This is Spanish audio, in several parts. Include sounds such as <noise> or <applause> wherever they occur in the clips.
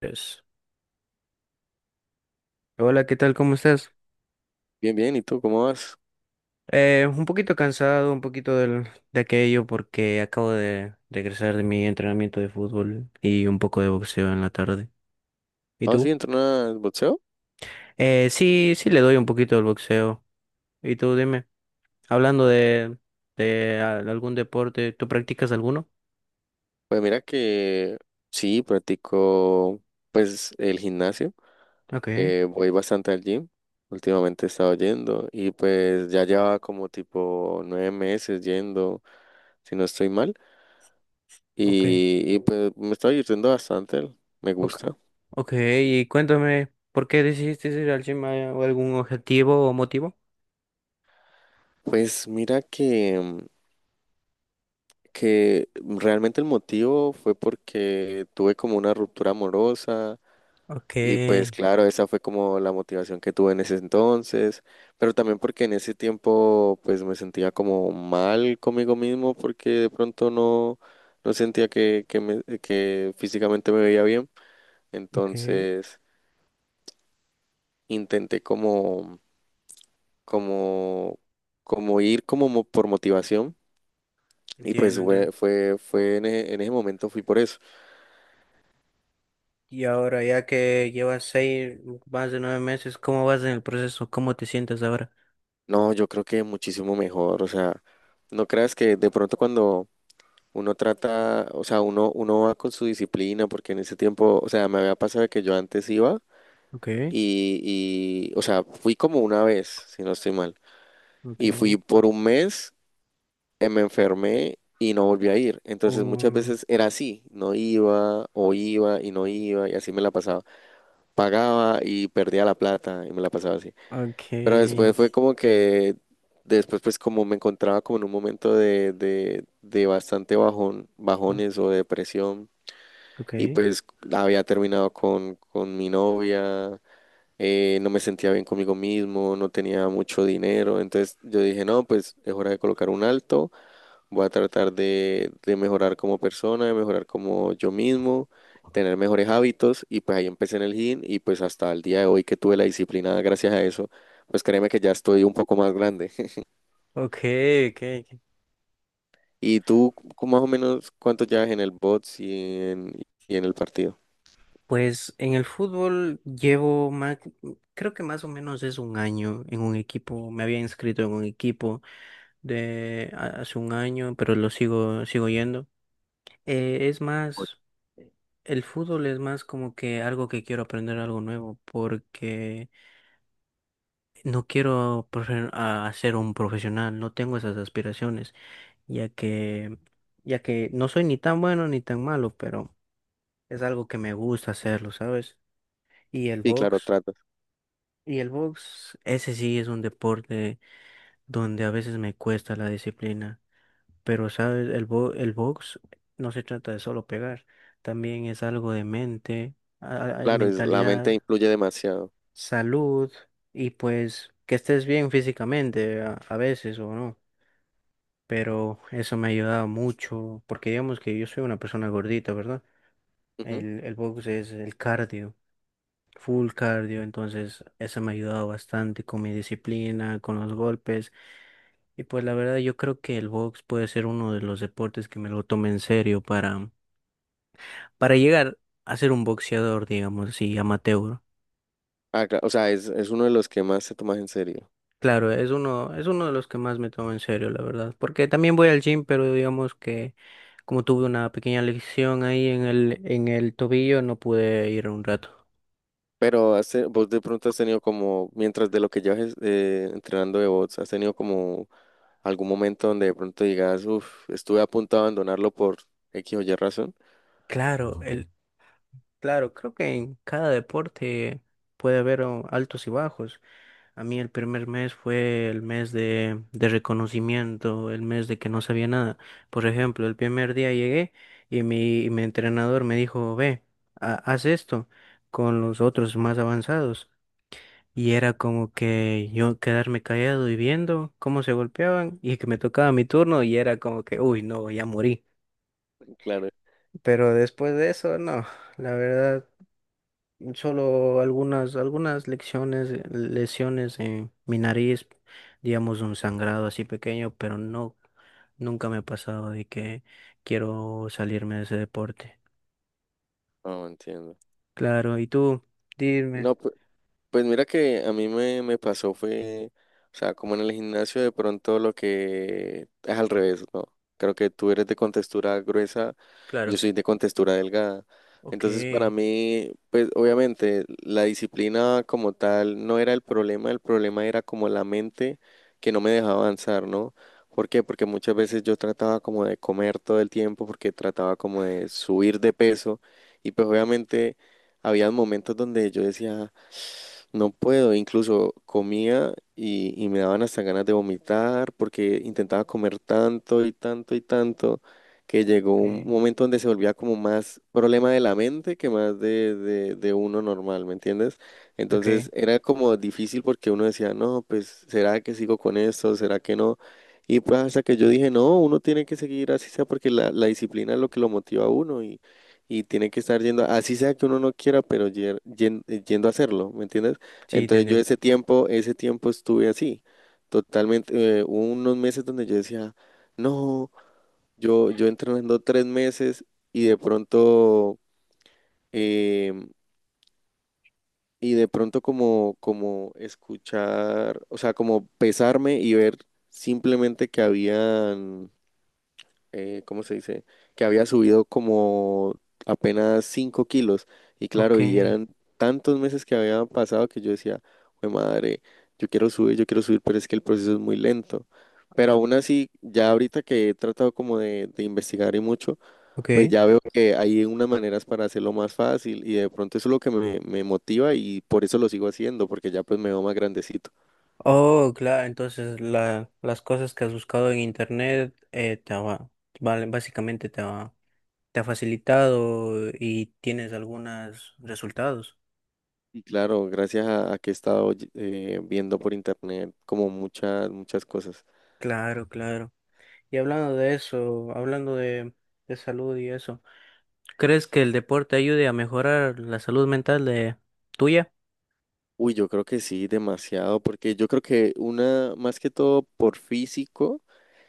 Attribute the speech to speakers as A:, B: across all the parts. A: Pues, hola, ¿qué tal? ¿Cómo estás?
B: Bien, bien, ¿y tú cómo vas?
A: Un poquito cansado, un poquito de aquello porque acabo de regresar de mi entrenamiento de fútbol y un poco de boxeo en la tarde. ¿Y
B: Ah,
A: tú?
B: sí, ¿entrenas boxeo?
A: Sí, le doy un poquito al boxeo. ¿Y tú, dime? Hablando de, algún deporte, ¿tú practicas alguno?
B: Pues mira que sí, practico pues el gimnasio,
A: Ok,
B: voy bastante al gym, últimamente he estado yendo y pues ya llevaba como tipo 9 meses yendo, si no estoy mal,
A: ok,
B: y pues me está divirtiendo bastante, me
A: ok,
B: gusta.
A: ok. Y cuéntame, ¿por qué decidiste ir al gym? ¿Hay algún objetivo o motivo?
B: Pues mira que, que realmente el motivo fue porque tuve como una ruptura amorosa.
A: Ok,
B: Y pues claro, esa fue como la motivación que tuve en ese entonces, pero también porque en ese tiempo pues me sentía como mal conmigo mismo porque de pronto no sentía que físicamente me veía bien,
A: ok.
B: entonces intenté como, como ir como por motivación y pues
A: Entiendo, entiendo.
B: fue en ese momento fui por eso.
A: Y ahora, ya que llevas seis, más de nueve meses, ¿cómo vas en el proceso? ¿Cómo te sientes ahora?
B: No, yo creo que muchísimo mejor, o sea, no creas que de pronto cuando uno trata, o sea, uno va con su disciplina, porque en ese tiempo, o sea, me había pasado que yo antes iba
A: Ok,
B: y, o sea, fui como una vez, si no estoy mal,
A: ok,
B: y fui por un mes, me enfermé y no volví a ir. Entonces muchas
A: um,
B: veces era así, no iba o iba y no iba y así me la pasaba. Pagaba y perdía la plata y me la pasaba así.
A: ok,
B: Pero después fue como que, después pues como me encontraba como en un momento de bastante bajón,
A: mm,
B: bajones o depresión. Y
A: ok,
B: pues había terminado con mi novia, no me sentía bien conmigo mismo, no tenía mucho dinero. Entonces yo dije, no, pues es hora de colocar un alto, voy a tratar de mejorar como persona, de mejorar como yo mismo, tener mejores hábitos. Y pues ahí empecé en el gym y pues hasta el día de hoy que tuve la disciplina gracias a eso, pues créeme que ya estoy un poco más grande. <laughs>
A: ok, ok. Ok.
B: ¿Y tú más o menos cuánto llevas en el bots y en, y en el partido?
A: Pues en el fútbol llevo más, creo que más o menos es un año en un equipo. Me había inscrito en un equipo hace un año, pero lo sigo, sigo yendo. Es
B: Ocho.
A: más, el fútbol es más como que algo que quiero aprender algo nuevo, porque no quiero profe- a ser un profesional, no tengo esas aspiraciones, ya que, ya que no soy ni tan bueno ni tan malo, pero es algo que me gusta hacerlo, ¿sabes? Y el
B: Sí, claro,
A: box,
B: trato.
A: y el box, ese sí es un deporte donde a veces me cuesta la disciplina, pero ¿sabes? El box no se trata de solo pegar, también es algo de mente,
B: Claro, la mente
A: mentalidad,
B: influye demasiado.
A: salud y pues que estés bien físicamente a veces o no. Pero eso me ha ayudado mucho, porque digamos que yo soy una persona gordita, ¿verdad?
B: Ujú.
A: El box es el cardio, full cardio, entonces eso me ha ayudado bastante con mi disciplina, con los golpes, y pues la verdad yo creo que el box puede ser uno de los deportes que me lo tome en serio para llegar a ser un boxeador, digamos así, amateur.
B: O sea, es uno de los que más se toma en serio.
A: Claro, es uno de los que más me tomo en serio, la verdad. Porque también voy al gym, pero digamos que como tuve una pequeña lesión ahí en el tobillo, no pude ir un rato.
B: Pero has vos de pronto has tenido como, mientras de lo que llevas entrenando de bots, has tenido como algún momento donde de pronto digas, uff, estuve a punto de abandonarlo por X o Y razón.
A: Claro, el, claro, creo que en cada deporte puede haber oh, altos y bajos. A mí el primer mes fue el mes de reconocimiento, el mes de que no sabía nada. Por ejemplo, el primer día llegué y mi entrenador me dijo, ve, haz esto con los otros más avanzados. Y era como que yo quedarme callado y viendo cómo se golpeaban y que me tocaba mi turno y era como que, uy, no, ya morí.
B: Claro.
A: Pero después de eso, no, la verdad, solo algunas lesiones en mi nariz, digamos un sangrado así pequeño, pero no, nunca me ha pasado de que quiero salirme de ese deporte.
B: No, entiendo.
A: Claro, ¿y tú? Dime.
B: No, pues. Pues mira que a mí me pasó fue, o sea, como en el gimnasio de pronto lo que es al revés, ¿no? Creo que tú eres de contextura gruesa, yo
A: Claro.
B: soy de contextura delgada.
A: Ok,
B: Entonces para mí, pues obviamente la disciplina como tal no era el problema era como la mente que no me dejaba avanzar, ¿no? ¿Por qué? Porque muchas veces yo trataba como de comer todo el tiempo, porque trataba como de subir de peso y pues obviamente había momentos donde yo decía. No puedo, incluso comía y me daban hasta ganas de vomitar porque intentaba comer tanto y tanto y tanto que llegó
A: ok,
B: un momento donde se volvía como más problema de la mente que más de uno normal, ¿me entiendes?
A: ok.
B: Entonces era como difícil porque uno decía, no, pues ¿será que sigo con esto? ¿Será que no? Y pues hasta que yo dije, no, uno tiene que seguir así sea porque la disciplina es lo que lo motiva a uno y tiene que estar yendo, así sea que uno no quiera, pero yendo a hacerlo, ¿me entiendes?
A: Sí,
B: Entonces yo
A: entendido.
B: ese tiempo estuve así, totalmente, hubo unos meses donde yo decía, no, yo entrenando 3 meses y em, de pronto como escuchar, o sea, como pesarme y ver simplemente que habían ¿cómo se dice? Que había subido como apenas 5 kilos. Y
A: Ok,
B: claro, y eran tantos meses que habían pasado que yo decía, "Jue madre, yo quiero subir, pero es que el proceso es muy lento. Pero aún así, ya ahorita que he tratado como de investigar y mucho, pues
A: ok.
B: ya veo que hay unas maneras para hacerlo más fácil y de pronto eso es lo que me motiva y por eso lo sigo haciendo, porque ya pues me veo más grandecito.
A: Oh, claro, entonces la, las cosas que has buscado en internet te va, vale, básicamente te ha facilitado y tienes algunos resultados.
B: Y claro, gracias a que he estado viendo por internet como muchas, muchas cosas.
A: Claro, claro. Y hablando de eso, hablando de salud y eso, ¿crees que el deporte ayude a mejorar la salud mental de tuya?
B: Uy, yo creo que sí, demasiado, porque yo creo que una, más que todo por físico,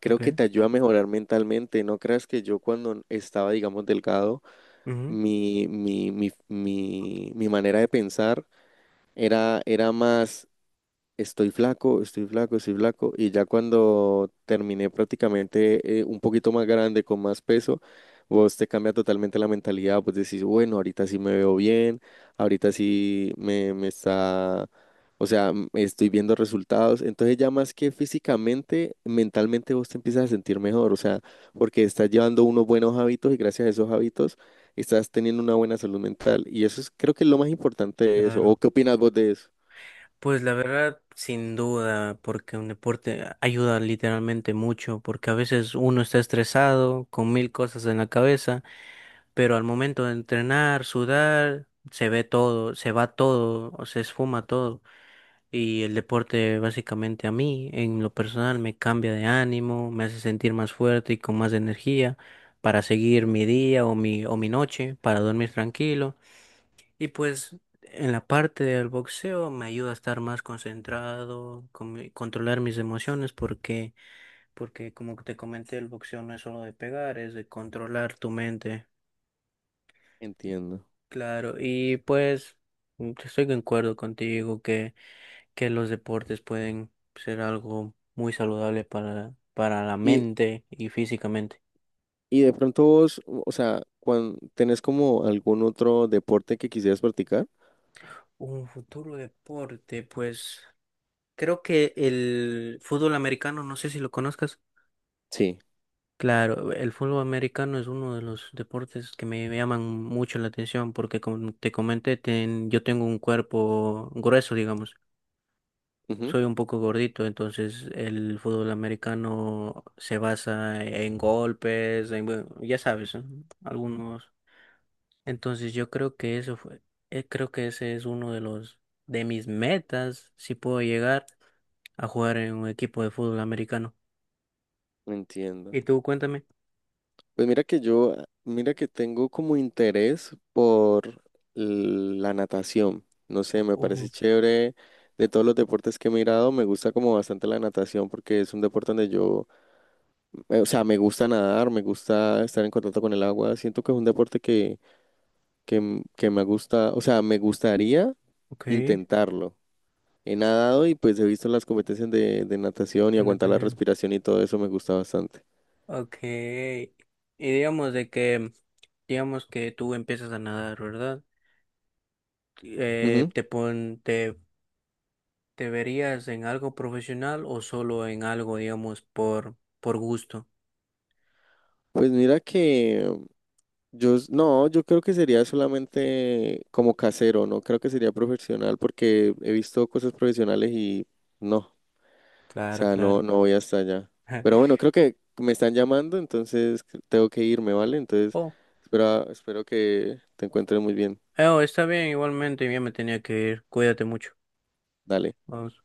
B: creo que
A: Okay.
B: te ayuda a mejorar mentalmente. No creas que yo cuando estaba, digamos, delgado,
A: Ujú,
B: mi manera de pensar era más estoy flaco, estoy flaco, estoy flaco. Y ya cuando terminé prácticamente un poquito más grande, con más peso, vos te cambia totalmente la mentalidad. Pues decís, bueno, ahorita sí me veo bien, ahorita sí me está, o sea, estoy viendo resultados. Entonces ya más que físicamente, mentalmente vos te empiezas a sentir mejor, o sea, porque estás llevando unos buenos hábitos y gracias a esos hábitos estás teniendo una buena salud mental. Y eso es, creo que es lo más importante de eso. ¿O
A: claro.
B: qué opinas vos de eso?
A: Pues la verdad, sin duda, porque un deporte ayuda literalmente mucho, porque a veces uno está estresado con mil cosas en la cabeza, pero al momento de entrenar, sudar, se va todo, o se esfuma todo. Y el deporte básicamente a mí, en lo personal, me cambia de ánimo, me hace sentir más fuerte y con más energía para seguir mi día o mi noche, para dormir tranquilo. Y pues en la parte del boxeo me ayuda a estar más concentrado, controlar mis emociones, porque como te comenté, el boxeo no es solo de pegar, es de controlar tu mente.
B: Entiendo.
A: Claro, y pues estoy de acuerdo contigo que los deportes pueden ser algo muy saludable para la
B: y
A: mente y físicamente.
B: Y de pronto vos, o sea, ¿cuando tenés como algún otro deporte que quisieras practicar?
A: Un futuro deporte, pues creo que el fútbol americano, no sé si lo conozcas.
B: Sí,
A: Claro, el fútbol americano es uno de los deportes que me llaman mucho la atención porque como te comenté, yo tengo un cuerpo grueso, digamos,
B: ujú,
A: soy un poco gordito, entonces el fútbol americano se basa en golpes, en, bueno, ya sabes, ¿eh? Algunos. Entonces yo creo que eso fue, creo que ese es uno de los, de mis metas, si puedo llegar a jugar en un equipo de fútbol americano.
B: entiendo.
A: ¿Y tú, cuéntame?
B: Pues mira que ah, mira que tengo como interés por la natación. No sé, me parece
A: Ujú,
B: chévere. De todos los deportes que he mirado, me gusta como bastante la natación porque es un deporte donde o sea, me gusta nadar, me gusta estar en contacto con el agua. Siento que es un deporte que me gusta, o sea, me gustaría
A: ok.
B: intentarlo. He nadado y pues he visto las competencias de natación y
A: Ten
B: aguantar la
A: atención.
B: respiración y todo eso me gusta bastante.
A: Ok. Y digamos de que, digamos que tú empiezas a nadar, ¿verdad? Eh,
B: Ujú.
A: te pon, te, Te verías en algo profesional o solo en algo, digamos, por gusto.
B: Pues mira que no, yo creo que sería solamente como casero, no creo que sería profesional porque he visto cosas profesionales y no, o
A: Claro,
B: sea, no,
A: claro.
B: no voy hasta allá. Pero
A: <laughs>
B: bueno, creo que me están llamando, entonces tengo que irme, ¿vale? Entonces,
A: Oh,
B: espero que te encuentres muy bien.
A: oh, está bien, igualmente, ya me tenía que ir. Cuídate mucho.
B: Dale.
A: Vamos.